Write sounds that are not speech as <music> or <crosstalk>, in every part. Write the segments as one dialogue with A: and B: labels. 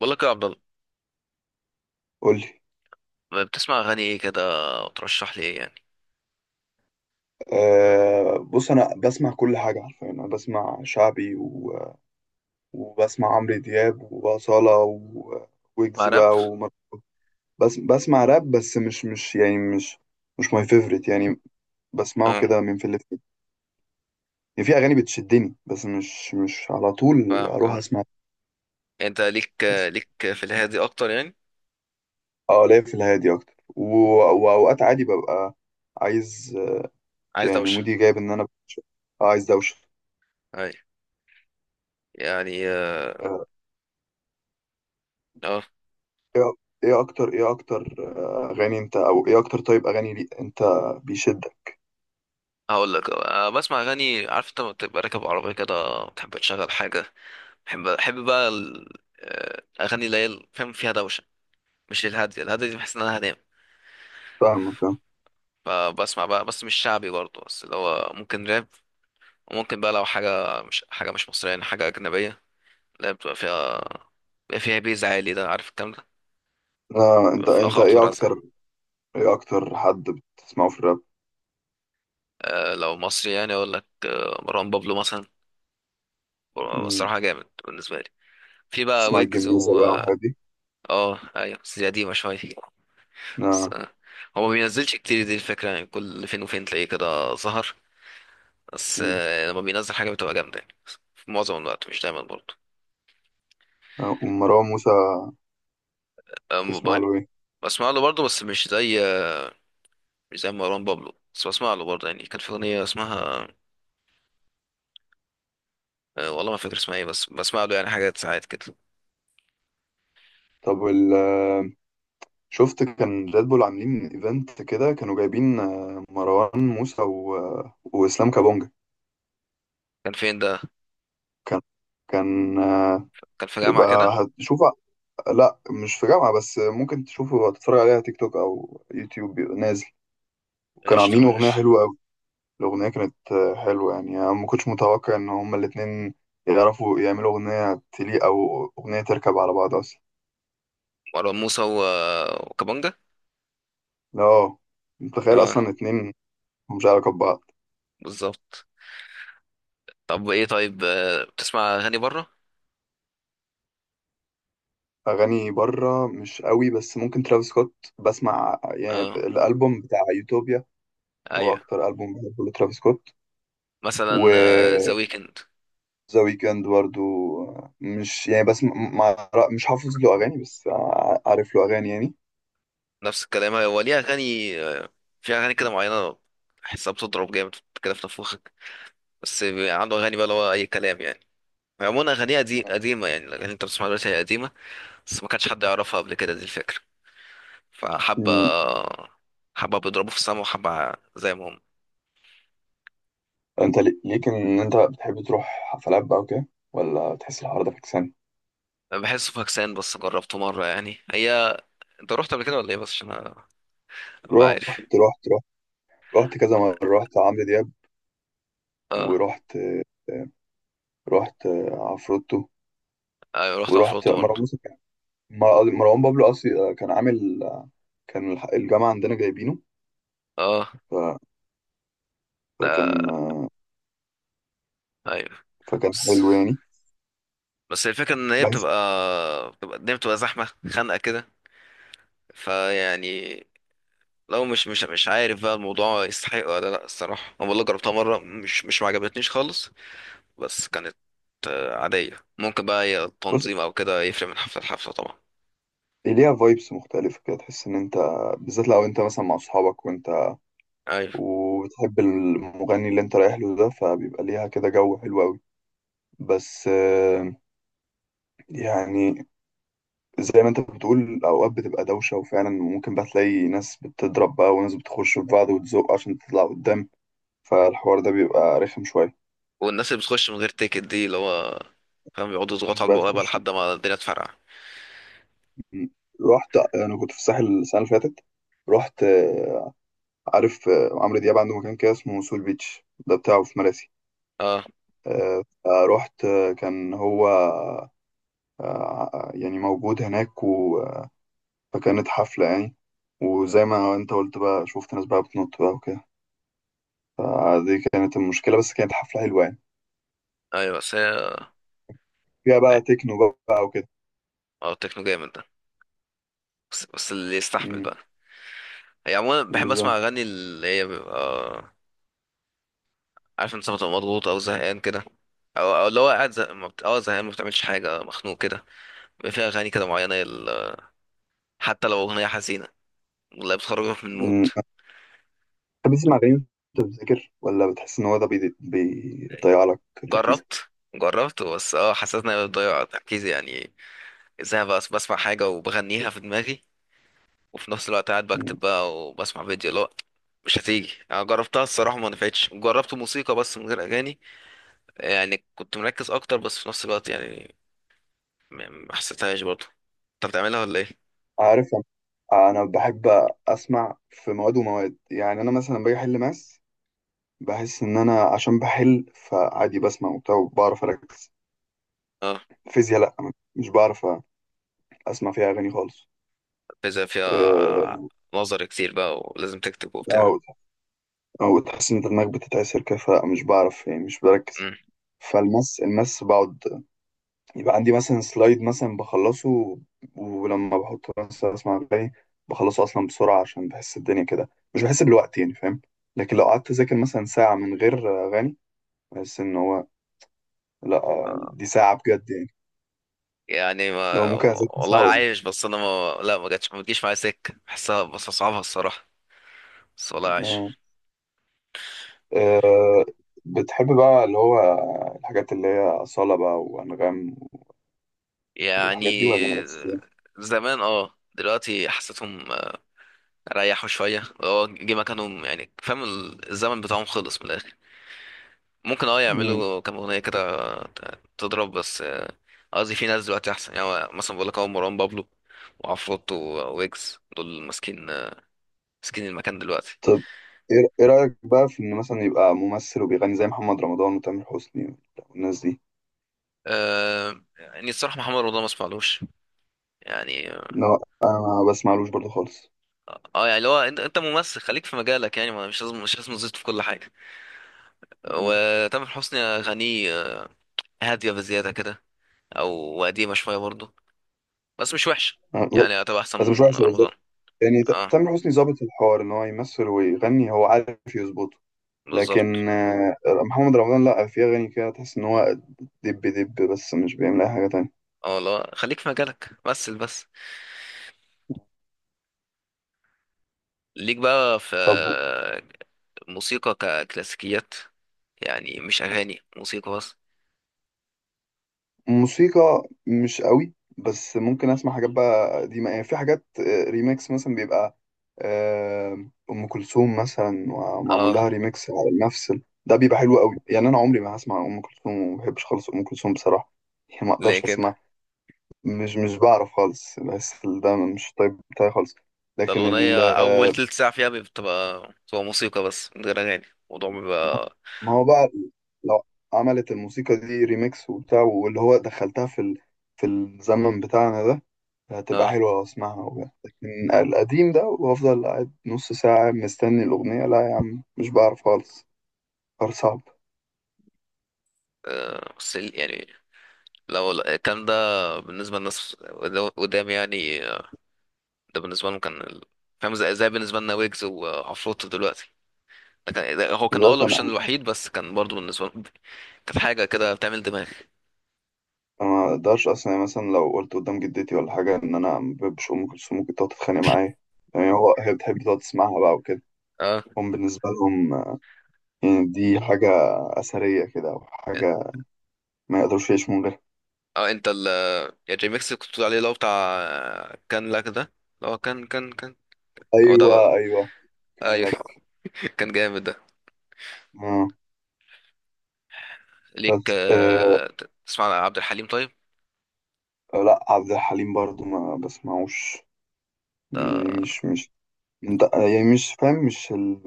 A: بقول لك يا عبد الله،
B: قول لي.
A: بتسمع اغاني ايه كده؟ وترشح لي ايه يعني؟
B: أه، بص انا بسمع كل حاجه حرفيا، انا بسمع شعبي وبسمع عمرو دياب وأصالة ويجز
A: عرب.
B: بقى بس بسمع راب، بس مش ماي فيفورت يعني. بسمعه
A: اه،
B: كده من في اللي في. يعني في اغاني بتشدني، بس مش على طول
A: فاهمك.
B: اروح
A: اه،
B: اسمع.
A: انت ليك
B: بس
A: ليك في الهادي اكتر يعني؟
B: اه، ليا في الهادي اكتر. واوقات عادي ببقى عايز،
A: عايز
B: يعني
A: دوشه.
B: مودي جايب ان انا ببقى عايز دوشه.
A: اي. يعني اه.
B: آه،
A: آه.
B: ايه إيه اكتر ايه اكتر آه، اغاني انت، او ايه اكتر؟ طيب، اغاني لي انت بيشدك؟
A: هقول لك، بسمع اغاني. عارف انت لما بتبقى راكب عربيه كده بتحب تشغل حاجه. بحب بقى الاغاني اللي هي فاهم، فيها دوشه. مش الهاديه، الهاديه دي بحس ان انا هنام.
B: فاهمك اه.
A: فبسمع بقى بس مش شعبي برضه، بس اللي هو ممكن راب. وممكن بقى لو حاجه مش مصريه يعني، حاجه اجنبيه. لا، بتبقى فيها، بيبقى فيها بيز عالي ده، عارف الكلام ده. بيبقى
B: انت
A: فيها
B: انت
A: خبط ورزع.
B: ايه اكتر حد بتسمعه في الراب؟
A: آه لو مصري يعني اقول لك آه مروان بابلو مثلا.
B: مم.
A: الصراحه جامد بالنسبه لي. في بقى
B: تسمع
A: ويجز
B: الجميزة
A: و...
B: بقى والحاجات دي؟
A: اه ايوه، بس دي قديمه شويه. بس
B: اه.
A: آه، هو ما بينزلش كتير دي الفكره، يعني كل فين وفين تلاقيه كده ظهر. بس
B: مم.
A: آه لما بينزل حاجه بتبقى جامده يعني، في معظم الوقت مش دايما برضه.
B: ومروان موسى،
A: آم،
B: تسمع
A: ب-
B: له ايه؟
A: بسمع له برضه بس مش زي مروان بابلو، بس بسمع له برضه يعني. كان في اغنيه اسمها والله ما فاكر اسمها ايه، بس بسمع له يعني حاجات ساعات كده.
B: طب وال آه، شفت كان ريد بول عاملين ايفنت كده، كانوا جايبين مروان موسى و... آه، واسلام كابونجا.
A: كان فين ده؟
B: كان. كان آه،
A: كان في جامعة
B: يبقى
A: كده؟
B: هتشوف. لا، مش في جامعة، بس ممكن تشوفه تتفرج عليها تيك توك أو يوتيوب، بيبقى نازل. وكانوا
A: قشطة
B: عاملين أغنية
A: ماشي.
B: حلوة أوي. الأغنية كانت حلوة يعني، أنا ما كنتش متوقع إن هما الاتنين يعرفوا يعملوا أغنية تليق أو أغنية تركب على بعض أصلا.
A: مروان موسى و... وكابونجا.
B: لا، متخيل
A: اه،
B: أصلا اتنين مش علاقة ببعض.
A: بالظبط. طب ايه؟ طيب، بتسمع اغاني بره؟
B: أغاني بره مش قوي، بس ممكن ترافيس سكوت. بسمع يعني
A: اه
B: الألبوم بتاع يوتوبيا. هو
A: ايوه.
B: أكتر ألبوم بحبه لترافيس سكوت.
A: مثلا
B: و
A: ذا ويكند.
B: ذا ويكند برضو، مش يعني بس مع، مش حافظ له اغاني، بس عارف له اغاني يعني.
A: نفس الكلام. هو ليه اغاني في اغاني كده معينة بحسها بتضرب جامد كده في نفوخك. بس بيبقى عنده اغاني بقى اللي هو اي كلام يعني. عموما اغانيها دي قديمة، يعني الاغاني اللي انت بتسمعها دلوقتي هي قديمة، بس ما كانش حد يعرفها قبل كده، دي الفكرة. فحابة،
B: مم.
A: حابة بيضربوا في السما، وحابة زي ما هم.
B: انت ليك ان انت بتحب تروح حفلات بقى وكده، ولا تحس الحوار ده فكسان؟
A: أنا بحسه فاكسان، بس جربته مرة يعني. هي انت رحت قبل كده ولا ايه؟ بس عشان أنا أبقى عارف.
B: رحت. رحت رحت رحت كذا مرة، رحت عمرو دياب.
A: اه
B: ورحت. رحت عفروتو.
A: ايوه، رحت
B: ورحت
A: عفروتو
B: مروان
A: برضه.
B: موسى. مروان بابلو اصلي كان عامل. كان الجامعة عندنا جايبينه.
A: اه.
B: ف- فكان
A: لا. ايوه.
B: فكان
A: بس،
B: حلو يعني.
A: بس الفكرة ان هي
B: بحس
A: بتبقى، بتبقى الدنيا بتبقى زحمة خانقة كده. فيعني لو مش عارف بقى الموضوع يستحق ولا لا. الصراحة انا والله جربتها مرة، مش مش ما عجبتنيش خالص. بس كانت عادية. ممكن بقى هي
B: بص،
A: التنظيم او كده، يفرق من حفلة لحفلة طبعا.
B: ليها فايبس مختلفة كده، تحس إن أنت، بالذات لو أنت مثلا مع أصحابك، وأنت
A: ايوه.
B: وبتحب المغني اللي أنت رايح له ده، فبيبقى ليها كده جو حلو أوي. بس يعني، زي ما أنت بتقول، أوقات بتبقى دوشة وفعلا ممكن بقى تلاقي ناس بتضرب بقى وناس بتخش في بعض وتزق عشان تطلع قدام، فالحوار ده بيبقى رخم شوية.
A: والناس اللي بتخش من غير تيكت دي، اللي هو فاهم، بيقعدوا يضغطوا
B: الناس
A: على
B: بقى
A: البوابة
B: تخش.
A: لحد ما الدنيا تفرقع.
B: رحت أنا، كنت في الساحل السنة اللي فاتت. رحت. عارف عمرو دياب عنده مكان كده اسمه سول بيتش ده بتاعه في مراسي.
A: اه
B: رحت. كان هو يعني موجود هناك. فكانت حفلة يعني، وزي ما انت قلت بقى شفت ناس بقى بتنط بقى وكده. فدي كانت المشكلة، بس كانت حفلة حلوة يعني،
A: ايوه. بس هي
B: فيها بقى تكنو بقى وكده.
A: اه التكنو جامد ده. بس اللي يستحمل
B: امم.
A: بقى. هي عموما بحب اسمع
B: بالظبط.
A: اغاني اللي هي بيبقى آه، عارف انت لما تبقى مضغوط او زهقان كده، او اللي هو قاعد زه... ما بت... اه زهقان، ما بتعملش حاجة، مخنوق كده. بيبقى فيها اغاني كده معينة حتى لو اغنية حزينة، والله بتخرجك من المود.
B: امم بتحب تسمع أغاني وأنت بتذاكر، ولا بتحس إن هو ده بيضيع لك تركيزك؟
A: جربت جربت بس اه حسيت اني بضيع تركيزي يعني. ازاي بس بسمع حاجة وبغنيها في دماغي وفي نفس الوقت قاعد
B: مم.
A: بكتب بقى وبسمع فيديو؟ لا مش هتيجي. انا جربتها الصراحه ما نفعتش. جربت موسيقى بس من غير اغاني، يعني كنت مركز اكتر، بس في نفس الوقت يعني ما ما حسيتهاش برضه. انت بتعملها ولا ايه؟
B: عارف، أنا بحب أسمع في مواد ومواد. يعني أنا مثلا باجي أحل ماس، بحس ان انا عشان بحل فعادي بسمع وبتاع وبعرف اركز.
A: اه،
B: فيزياء لا، مش بعرف اسمع فيها اغاني خالص.
A: بيزا فيها
B: آه،
A: نظر كتير بقى ولازم تكتب وبتاع.
B: او او تحس ان دماغك بتتعسر كده، فمش بعرف، يعني مش بركز.
A: مم.
B: المس بقعد يبقى عندي مثلا سلايد مثلا بخلصه، ولما بحطه مثلا اسمع اغاني بخلصه اصلا بسرعه، عشان بحس الدنيا كده مش بحس بالوقت، يعني فاهم؟ لكن لو قعدت اذاكر مثلا ساعه من غير اغاني، بحس ان هو لا، دي ساعه بجد يعني.
A: يعني
B: لو
A: ما
B: ممكن اذاكر
A: والله
B: ساعه.
A: عايش، بس انا ما جاتش، ما بتجيش معايا سكه بحسها، بس اصعبها الصراحه. بس والله عايش.
B: آه، بتحب بقى اللي هو الحاجات اللي هي أصالة بقى وأنغام والحاجات دي ولا
A: يعني
B: بس؟
A: زمان اه، دلوقتي حسيتهم ريحوا شويه، هو جه مكانهم يعني، فاهم الزمن بتاعهم خلص من الاخر. ممكن اه
B: مم.
A: يعملوا كام اغنيه كده تضرب، بس آه، قصدي في ناس دلوقتي احسن، يعني هو مثلا بقول لك هو مروان بابلو وعفروتو وويجز دول ماسكين آه، ماسكين المكان دلوقتي.
B: طب إيه رأيك بقى في إن مثلا يبقى ممثل وبيغني زي محمد رمضان وتامر حسني والناس دي؟
A: آه يعني الصراحه محمد رمضان ما اسمعلوش يعني.
B: لا، أنا ما بسمعلوش برضه خالص.
A: اه آه، يعني اللي هو انت ممثل، خليك في مجالك يعني، مش لازم، مش لازم تزيد في كل حاجه.
B: مم.
A: وتامر حسني اغانيه آه، هاديه بزياده كده، او قديمه شويه برضه، بس مش وحشة
B: أنا-
A: يعني. هتبقى احسن
B: بس مش
A: من
B: وحش، هو
A: رمضان.
B: يعني
A: اه
B: تامر حسني ظابط الحوار إن هو يمثل ويغني، هو عارف يظبطه.
A: بالظبط.
B: لكن محمد رمضان لأ، في أغاني كده تحس إن هو دب دب، بس مش بيعمل أي حاجة تانية.
A: اه لا، خليك في مجالك. بس بس ليك بقى في
B: طب
A: موسيقى ككلاسيكيات، يعني مش اغاني موسيقى بس؟
B: موسيقى مش قوي، بس ممكن اسمع حاجات بقى قديمه. يعني في حاجات ريميكس مثلا، بيبقى ام كلثوم مثلا ومعمول
A: اه
B: لها ريميكس على نفس ده بيبقى حلو قوي يعني. انا عمري ما هسمع ام كلثوم، وما بحبش خالص ام كلثوم بصراحه، يعني ما
A: ليه
B: اقدرش
A: كده؟
B: اسمع. مش بعرف خالص، بحس ده مش طيب بتاعي خالص.
A: ده
B: لكن
A: الاغنية اول تلت ساعة فيها بتبقى، بتبقى موسيقى بس من غير اغاني، الموضوع بيبقى...
B: ما هو بقى لو عملت الموسيقى دي ريميكس وبتاع، واللي هو دخلتها في في الزمن بتاعنا ده، هتبقى
A: اه
B: حلوة أسمعها وبتاع. لكن القديم ده وأفضل قاعد نص ساعة مستني الأغنية، لا يا عم مش بعرف خالص، قرار صعب.
A: آه، بس يعني لو الكلام ده بالنسبة للناس قدام يعني آه، ده بالنسبة لهم كان فاهم زي بالنسبة لنا ويجز وعفروتو دلوقتي. هو كان اه
B: بالذات
A: الاوبشن
B: أنا،
A: الوحيد، بس كان برضو بالنسبه لهم كانت حاجه كده بتعمل دماغ.
B: ما أقدرش أصلا. يعني مثلا لو قلت قدام جدتي ولا حاجة إن أنا ما بحبش أم كلثوم، ممكن تقعد تتخانق معايا، يعني هو هي بتحب تقعد تسمعها بقى وكده.
A: اه
B: هم بالنسبة لهم يعني دي حاجة أثرية كده أو حاجة، ما يقدروش يعيشوا من غيرها.
A: اه. انت ال يا جي ميكس اللي كنت بتقول عليه اللي هو بتاع كان لك ده، اللي هو كان هو ده. لا.
B: ايوه ايوه،
A: ايوه
B: كان لك.
A: <laughs> كان جامد ده.
B: آه.
A: ليك
B: بس، آه.
A: آه، تسمع عن عبد الحليم طيب؟
B: لا، عبد الحليم برضو ما بسمعوش،
A: ده
B: يعني مش، انت يعني مش فاهم،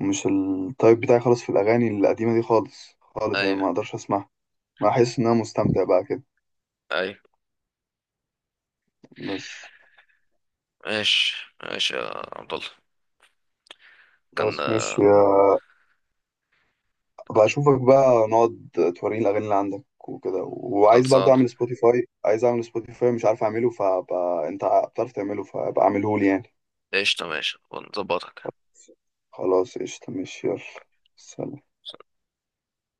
B: مش التايب بتاعي خالص في الاغاني القديمه دي خالص خالص، يعني ما
A: ايوه
B: اقدرش اسمعها. بحس ان انا مستمتع بقى كده
A: ايوه.
B: بس.
A: ماشي ماشي يا عبد الله.
B: خلاص
A: كان
B: ماشي
A: آه،
B: بقى، اشوفك بقى نقعد، توريني الاغاني اللي عندك وكده. وعايز برضو
A: خلصان.
B: اعمل سبوتيفاي، عايز اعمل سبوتيفاي مش عارف اعمله، فبقى انت بتعرف تعمله فبقى اعمله لي يعني.
A: قشطة، ماشي ونظبطك.
B: خلاص، قشطة ماشي، يلا سلام.